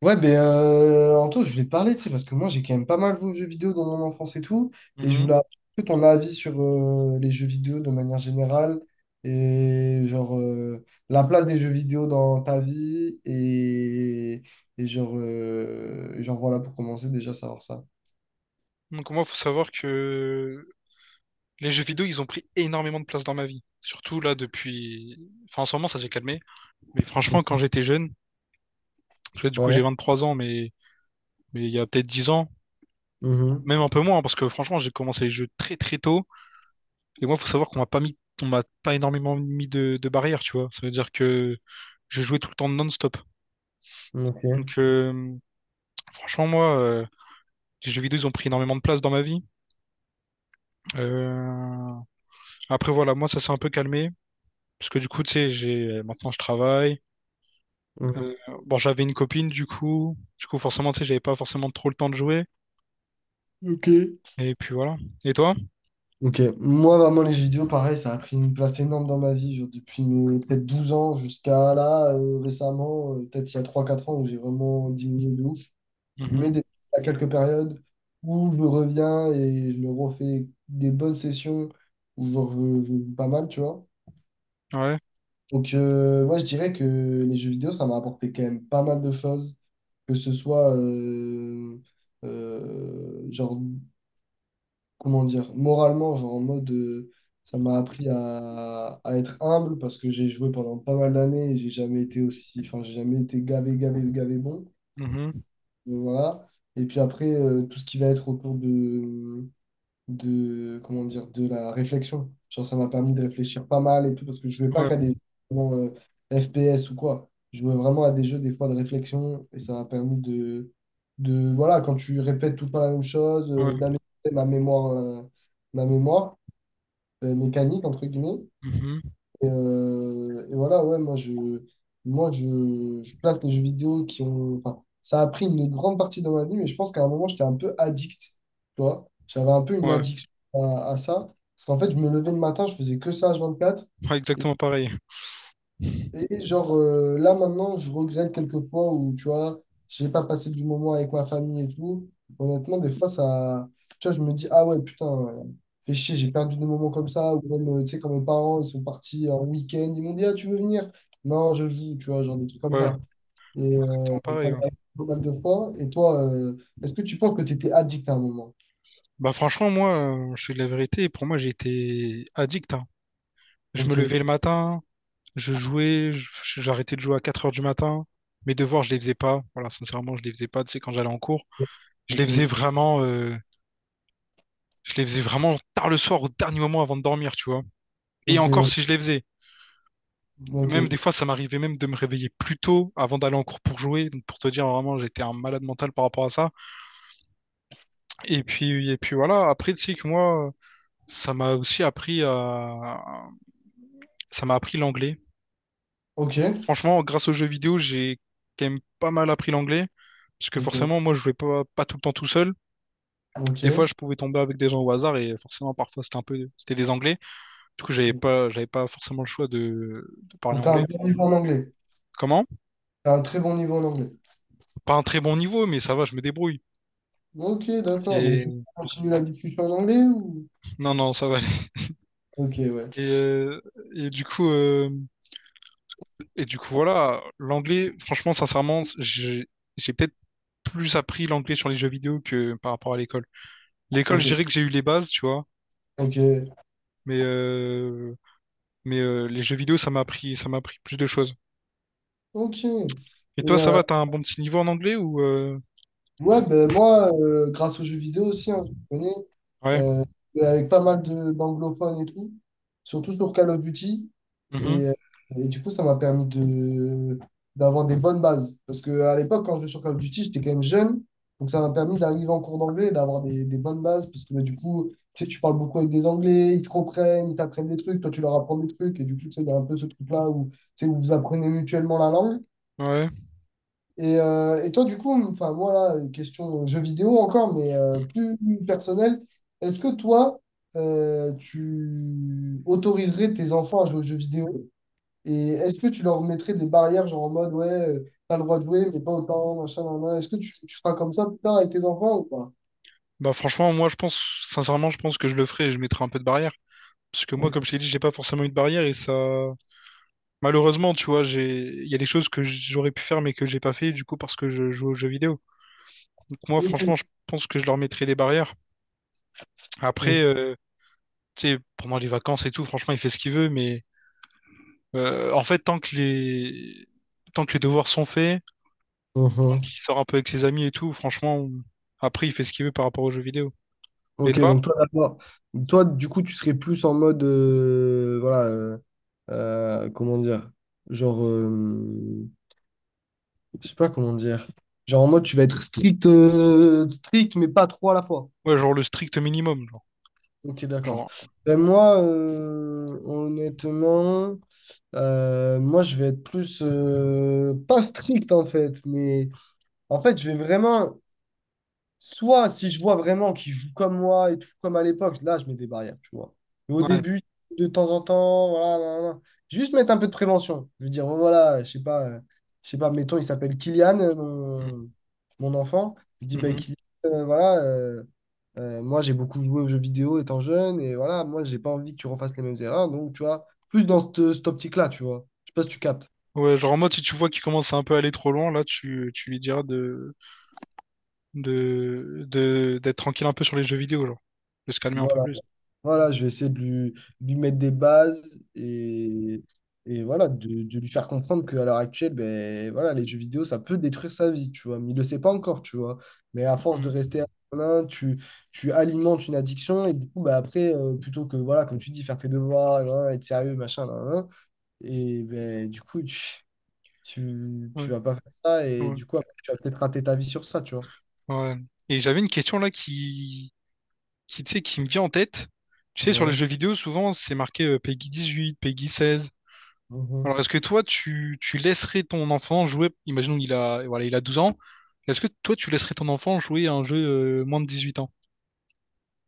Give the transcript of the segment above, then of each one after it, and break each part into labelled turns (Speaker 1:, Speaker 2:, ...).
Speaker 1: Ouais, Anto, je voulais te parler, tu sais, parce que moi, j'ai quand même pas mal joué aux jeux vidéo dans mon enfance et tout, et je
Speaker 2: Mhm.
Speaker 1: voulais avoir un peu ton avis sur les jeux vidéo de manière générale, et la place des jeux vidéo dans ta vie, et genre voilà, pour commencer, déjà savoir ça.
Speaker 2: Donc moi, faut savoir que les jeux vidéo, ils ont pris énormément de place dans ma vie. Surtout là depuis… Enfin, en ce moment, ça s'est calmé. Mais franchement, quand
Speaker 1: Mhm.
Speaker 2: j'étais jeune, parce que du coup, j'ai
Speaker 1: Ouais.
Speaker 2: 23 ans, mais… mais il y a peut-être 10 ans, même un peu moins, parce que franchement, j'ai commencé les jeux très très tôt. Et moi, faut savoir qu'on m'a pas mis… On m'a pas énormément mis de… de barrières, tu vois. Ça veut dire que je jouais tout le temps non-stop.
Speaker 1: Mhm. Ok.
Speaker 2: Donc, franchement, moi, les jeux vidéo, ils ont pris énormément de place dans ma vie. Euh, Après, voilà, moi, ça s'est un peu calmé. Parce que du coup, tu sais, j'ai maintenant je travaille.
Speaker 1: Mhm.
Speaker 2: Bon, j'avais une copine du coup. Du coup, forcément, tu sais, j'avais pas forcément trop le temps de jouer.
Speaker 1: Ok.
Speaker 2: Et puis voilà. Et toi?
Speaker 1: Ok, moi vraiment les jeux vidéo, pareil, ça a pris une place énorme dans ma vie, genre, depuis mes peut-être 12 ans jusqu'à là, récemment, peut-être il y a 3 4 ans où j'ai vraiment diminué de ouf. Mais
Speaker 2: Mhm.
Speaker 1: des- à quelques périodes où je reviens et je me refais des bonnes sessions où genre, je joue pas mal, tu vois.
Speaker 2: Ouais.
Speaker 1: Donc ouais, je dirais que les jeux vidéo, ça m'a apporté quand même pas mal de choses, que ce soit euh, genre comment dire, moralement, genre en mode, ça m'a appris à être humble parce que j'ai joué pendant pas mal d'années et j'ai jamais été aussi, enfin, j'ai jamais été gavé, gavé, gavé bon.
Speaker 2: Mhm.
Speaker 1: Donc, voilà. Et puis après, tout ce qui va être autour de, comment dire, de la réflexion. Genre, ça m'a permis de réfléchir pas mal et tout, parce que je jouais pas
Speaker 2: Ouais.
Speaker 1: qu'à des jeux vraiment, FPS ou quoi. Je jouais vraiment à des jeux, des fois, de réflexion, et ça m'a permis de, voilà, quand tu répètes tout le temps la même chose,
Speaker 2: Ouais.
Speaker 1: d'améliorer ma mémoire, ma mémoire mécanique, entre guillemets,
Speaker 2: Mhm.
Speaker 1: et voilà, ouais, moi, je place les jeux vidéo qui ont. Enfin, ça a pris une grande partie dans ma vie, mais je pense qu'à un moment, j'étais un peu addict. Tu vois, j'avais un peu une
Speaker 2: Ouais.
Speaker 1: addiction à ça. Parce qu'en fait, je me levais le matin, je faisais que ça h quatre
Speaker 2: Ouais, exactement pareil.
Speaker 1: et là maintenant, je regrette quelques fois où, tu vois, j'ai pas passé du moment avec ma famille et tout. Honnêtement, des fois, ça, tu vois, je me dis, ah ouais, putain, fais chier, j'ai perdu des moments comme ça. Ou même, tu sais, quand mes parents, ils sont partis en week-end, ils m'ont dit, ah, tu veux venir? Non, je joue, tu vois, genre des trucs comme
Speaker 2: Ouais,
Speaker 1: ça. Et
Speaker 2: exactement
Speaker 1: ça
Speaker 2: pareil.
Speaker 1: m'a
Speaker 2: Ouais.
Speaker 1: arrivé pas mal de fois. Et toi, est-ce que tu penses que tu étais addict à un moment?
Speaker 2: Bah franchement, moi, je suis de la vérité. Pour moi, j'ai été addict, hein. Je me
Speaker 1: Ok,
Speaker 2: levais le matin, je jouais, j'arrêtais de jouer à 4 heures du matin. Mes devoirs, je les faisais pas. Voilà, sincèrement, je les faisais pas, tu sais, quand j'allais en cours. Je les faisais
Speaker 1: ok,
Speaker 2: vraiment, je les faisais vraiment tard le soir, au dernier moment avant de dormir, tu vois. Et
Speaker 1: ok,
Speaker 2: encore,
Speaker 1: d'accord.
Speaker 2: si je les faisais.
Speaker 1: Ok,
Speaker 2: Même des fois, ça m'arrivait même de me réveiller plus tôt avant d'aller en cours pour jouer. Donc, pour te dire, vraiment, j'étais un malade mental par rapport à ça. Et puis voilà. Après, tu sais que moi, ça m'a aussi appris à, ça m'a appris l'anglais.
Speaker 1: ok,
Speaker 2: Franchement, grâce aux jeux vidéo, j'ai quand même pas mal appris l'anglais. Parce que
Speaker 1: ok,
Speaker 2: forcément, moi, je jouais pas, pas tout le temps tout seul. Des fois,
Speaker 1: ok.
Speaker 2: je pouvais tomber avec des gens au hasard et forcément, parfois, c'était des anglais. Du coup,
Speaker 1: Donc,
Speaker 2: j'avais pas forcément le choix de parler
Speaker 1: t'as un
Speaker 2: anglais.
Speaker 1: bon niveau en anglais.
Speaker 2: Comment?
Speaker 1: T'as un très bon niveau en anglais.
Speaker 2: Pas un très bon niveau, mais ça va, je me débrouille.
Speaker 1: Ok, d'accord. Donc, tu
Speaker 2: Et
Speaker 1: continues la discussion en anglais ou...
Speaker 2: non, non, ça va aller.
Speaker 1: Ok, ouais.
Speaker 2: Et, et du coup, euh, voilà, l'anglais, franchement, sincèrement, j'ai peut-être plus appris l'anglais sur les jeux vidéo que par rapport à l'école. L'école, je
Speaker 1: Ok,
Speaker 2: dirais que j'ai eu les bases, tu vois,
Speaker 1: ok,
Speaker 2: mais euh, Mais les jeux vidéo, ça m'a appris plus de choses.
Speaker 1: ok.
Speaker 2: Et
Speaker 1: Et,
Speaker 2: toi, ça
Speaker 1: euh,
Speaker 2: va, t'as un bon petit niveau en anglais ou
Speaker 1: ouais, ben moi, grâce aux jeux vidéo aussi, hein, je connais,
Speaker 2: Ouais.
Speaker 1: euh, avec pas mal de- d'anglophones et tout, surtout sur Call of Duty.
Speaker 2: Mhm.
Speaker 1: Et, euh, et du coup, ça m'a permis d'avoir des bonnes bases. Parce que à l'époque, quand je jouais sur Call of Duty, j'étais quand même jeune. Donc, ça m'a permis d'arriver en cours d'anglais et d'avoir des bonnes bases. Parce que ben, du coup, tu sais, tu parles beaucoup avec des Anglais, ils te reprennent, ils t'apprennent des trucs, toi, tu leur apprends des trucs. Et du coup, tu sais, il y a un peu ce truc-là où, tu sais, où vous apprenez mutuellement la langue.
Speaker 2: Ouais.
Speaker 1: Et toi, du coup, enfin, moi, là, une question jeu vidéo encore, mais
Speaker 2: Mm.
Speaker 1: plus personnelle, est-ce que toi, tu autoriserais tes enfants à jouer aux jeux vidéo? Et est-ce que tu leur mettrais des barrières, genre en mode, ouais, t'as le droit de jouer, mais pas autant, machin, nan, nan. Est-ce que tu feras comme ça plus tard avec tes enfants ou pas?
Speaker 2: Bah franchement, moi je pense, sincèrement, je pense que je le ferai et je mettrai un peu de barrière. Parce que moi,
Speaker 1: Donc,
Speaker 2: comme je t'ai dit, j'ai pas forcément eu de barrière et ça. Malheureusement, tu vois, j'ai. Il y a des choses que j'aurais pu faire mais que j'ai pas fait du coup parce que je joue aux jeux vidéo. Donc moi,
Speaker 1: ok.
Speaker 2: franchement, je pense que je leur mettrai des barrières. Après, tu sais, pendant les vacances et tout, franchement, il fait ce qu'il veut, mais en fait, tant que les. Tant que les devoirs sont faits.
Speaker 1: Mhm.
Speaker 2: Qui sort un peu avec ses amis et tout. Franchement, après, il fait ce qu'il veut par rapport aux jeux vidéo. Et
Speaker 1: Ok,
Speaker 2: toi?
Speaker 1: donc toi, d'accord. Toi, du coup, tu serais plus en mode, voilà, comment dire, genre, je sais pas comment dire. Genre en mode, tu vas être strict, strict, mais pas trop à la fois.
Speaker 2: Ouais, genre le strict minimum. Genre,
Speaker 1: Ok, d'accord.
Speaker 2: Genre,
Speaker 1: Ben, moi, honnêtement, moi, je vais être plus, pas strict en fait, mais en fait, je vais vraiment soit si je vois vraiment qu'ils jouent comme moi et tout comme à l'époque, là je mets des barrières, tu vois. Mais au
Speaker 2: ouais.
Speaker 1: début, de temps en temps, voilà, nan, nan. Nan. Juste mettre un peu de prévention. Je veux dire, bon, voilà, je sais pas, mettons, il s'appelle Kylian,
Speaker 2: Mm.
Speaker 1: mon enfant. Je dis, bah,
Speaker 2: Mhm.
Speaker 1: Kylian, euh, voilà, euh, moi j'ai beaucoup joué aux jeux vidéo étant jeune, et voilà, moi j'ai pas envie que tu refasses les mêmes erreurs. Donc, tu vois, plus dans cette optique-là, tu vois. Je sais pas si tu captes.
Speaker 2: Ouais, genre en mode, si tu vois qu'il commence à un peu aller trop loin, là, tu lui diras de, d'être tranquille un peu sur les jeux vidéo, genre, de se calmer un peu
Speaker 1: Voilà,
Speaker 2: plus.
Speaker 1: voilà, je vais essayer de lui mettre des bases et, et voilà, de lui faire comprendre qu'à l'heure actuelle, ben, voilà, les jeux vidéo, ça peut détruire sa vie, tu vois. Mais il le sait pas encore, tu vois. Mais à force de
Speaker 2: Mm.
Speaker 1: rester à l'un, tu alimentes une addiction et du coup, ben, après, plutôt que, voilà, comme tu dis, faire tes devoirs, là, là, être sérieux, machin, là, là, là, et ben, du coup,
Speaker 2: Ouais,
Speaker 1: tu vas pas faire ça et
Speaker 2: ouais,
Speaker 1: du coup, après, tu vas peut-être rater ta vie sur ça, tu vois.
Speaker 2: ouais. Et j'avais une question là qui, tu sais, qui me vient en tête. Tu sais, sur les
Speaker 1: Ouais.
Speaker 2: jeux vidéo, souvent, c'est marqué PEGI 8, PEGI 16.
Speaker 1: Mhm.
Speaker 2: Alors, est-ce que toi, tu laisserais ton enfant jouer, imaginons qu'il a, voilà, il a 12 ans, est-ce que toi, tu laisserais ton enfant jouer à un jeu moins de 18 ans?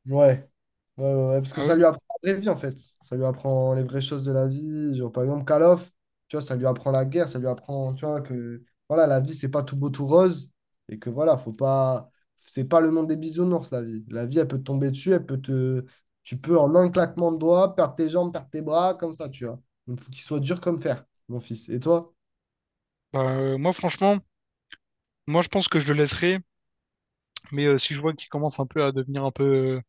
Speaker 1: Ouais. Ouais, ouais, ouais, parce que
Speaker 2: Ah ouais?
Speaker 1: ça lui apprend la vraie vie en fait. Ça lui apprend les vraies choses de la vie. Genre, par exemple, Call of, tu vois, ça lui apprend la guerre, ça lui apprend, tu vois, que voilà, la vie, c'est pas tout beau, tout rose. Et que voilà, faut pas. C'est pas le monde des bisounours, la vie. La vie, elle peut te tomber dessus, elle peut te. Tu peux en un claquement de doigts perdre tes jambes, perdre tes bras, comme ça, tu vois. Donc, faut qu'il soit dur comme fer, mon fils. Et toi?
Speaker 2: Bah, moi, franchement, moi, je pense que je le laisserais, mais si je vois qu'il commence un peu à devenir un peu,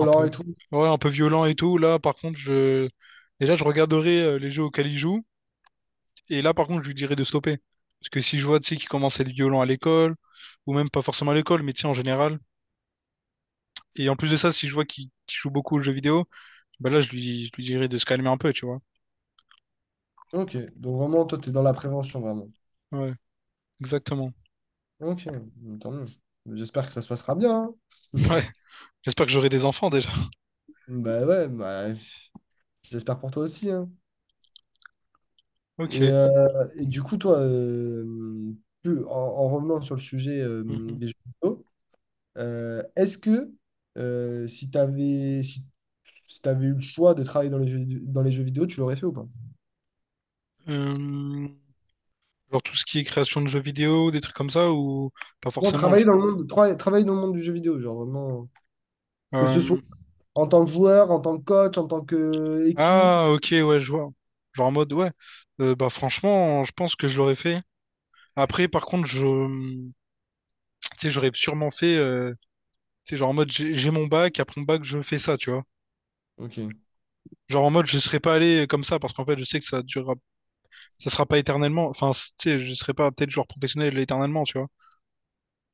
Speaker 2: un peu,
Speaker 1: et tout.
Speaker 2: ouais, un peu violent et tout, là, par contre, je, déjà, je regarderai les jeux auxquels il joue. Et là, par contre, je lui dirais de stopper. Parce que si je vois, tu sais, qu'il commence à être violent à l'école, ou même pas forcément à l'école, mais tu sais, en général. Et en plus de ça, si je vois qu'il joue beaucoup aux jeux vidéo, bah là, je lui dirais de se calmer un peu, tu vois.
Speaker 1: Ok. Donc, vraiment, toi, t'es dans la prévention, vraiment.
Speaker 2: Ouais, exactement.
Speaker 1: Ok. Tant mieux. J'espère que ça se passera bien, hein.
Speaker 2: Ouais, j'espère que j'aurai des enfants déjà.
Speaker 1: Bah ouais, bah, pff, j'espère pour toi aussi, hein.
Speaker 2: Ok.
Speaker 1: Et du coup, toi, en revenant sur le sujet
Speaker 2: Mhm.
Speaker 1: des jeux vidéo, est-ce que euh, si t'avais si, si t'avais eu le choix de travailler dans les jeux vidéo, tu l'aurais fait ou pas?
Speaker 2: Euh, Genre tout ce qui est création de jeux vidéo, des trucs comme ça, ou pas
Speaker 1: Non,
Speaker 2: forcément.
Speaker 1: travailler dans le monde, travailler dans le monde du jeu vidéo, genre vraiment, que ce soit
Speaker 2: Euh,
Speaker 1: en tant que joueur, en tant que coach, en tant que équipe.
Speaker 2: Ah, ok, ouais, je vois. Genre en mode, ouais. Bah franchement, je pense que je l'aurais fait. Après, par contre, je, tu sais, j'aurais sûrement fait. C'est genre en mode j'ai mon bac, après mon bac, je fais ça, tu vois.
Speaker 1: Ok,
Speaker 2: Genre en mode je serais pas allé comme ça parce qu'en fait je sais que ça durera, ça sera pas éternellement. Enfin, tu sais, je serais pas peut-être joueur professionnel éternellement, tu vois.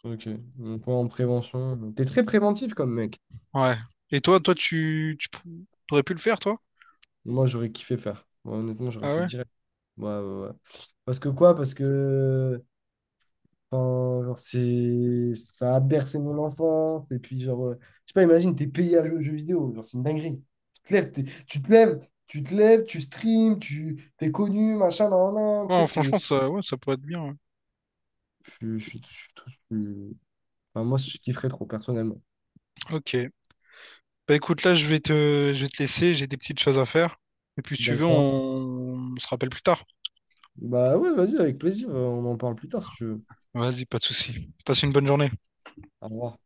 Speaker 1: ok. Donc, ouais, en prévention. T'es très préventif comme mec.
Speaker 2: Ouais. Et toi, toi, t'aurais pu le faire, toi?
Speaker 1: Moi, j'aurais kiffé faire. Moi, honnêtement, j'aurais
Speaker 2: Ah
Speaker 1: fait
Speaker 2: ouais?
Speaker 1: direct. Ouais, ouais, ouais. Parce que quoi? Parce que enfin, genre, c'est ça a bercé mon enfance. Et puis, genre, je sais pas, imagine, t'es payé à jouer aux jeux vidéo. Genre, c'est une dinguerie. Tu te lèves, tu te lèves, tu stream, tu t'es connu, machin, nan, nan, nan, tu
Speaker 2: Bon,
Speaker 1: sais, t'es...
Speaker 2: franchement, ça, ouais, ça pourrait être bien. Ouais.
Speaker 1: Je- suis tout. Je- suis- enfin, moi, je kifferais trop, personnellement.
Speaker 2: Ok. Bah écoute, là, je vais te laisser, j'ai des petites choses à faire. Et puis, si tu veux,
Speaker 1: D'accord?
Speaker 2: on se rappelle plus tard.
Speaker 1: Bah ouais, vas-y, avec plaisir. On en parle plus tard, si tu veux.
Speaker 2: Vas-y, pas de souci. Passe une bonne journée.
Speaker 1: Au revoir.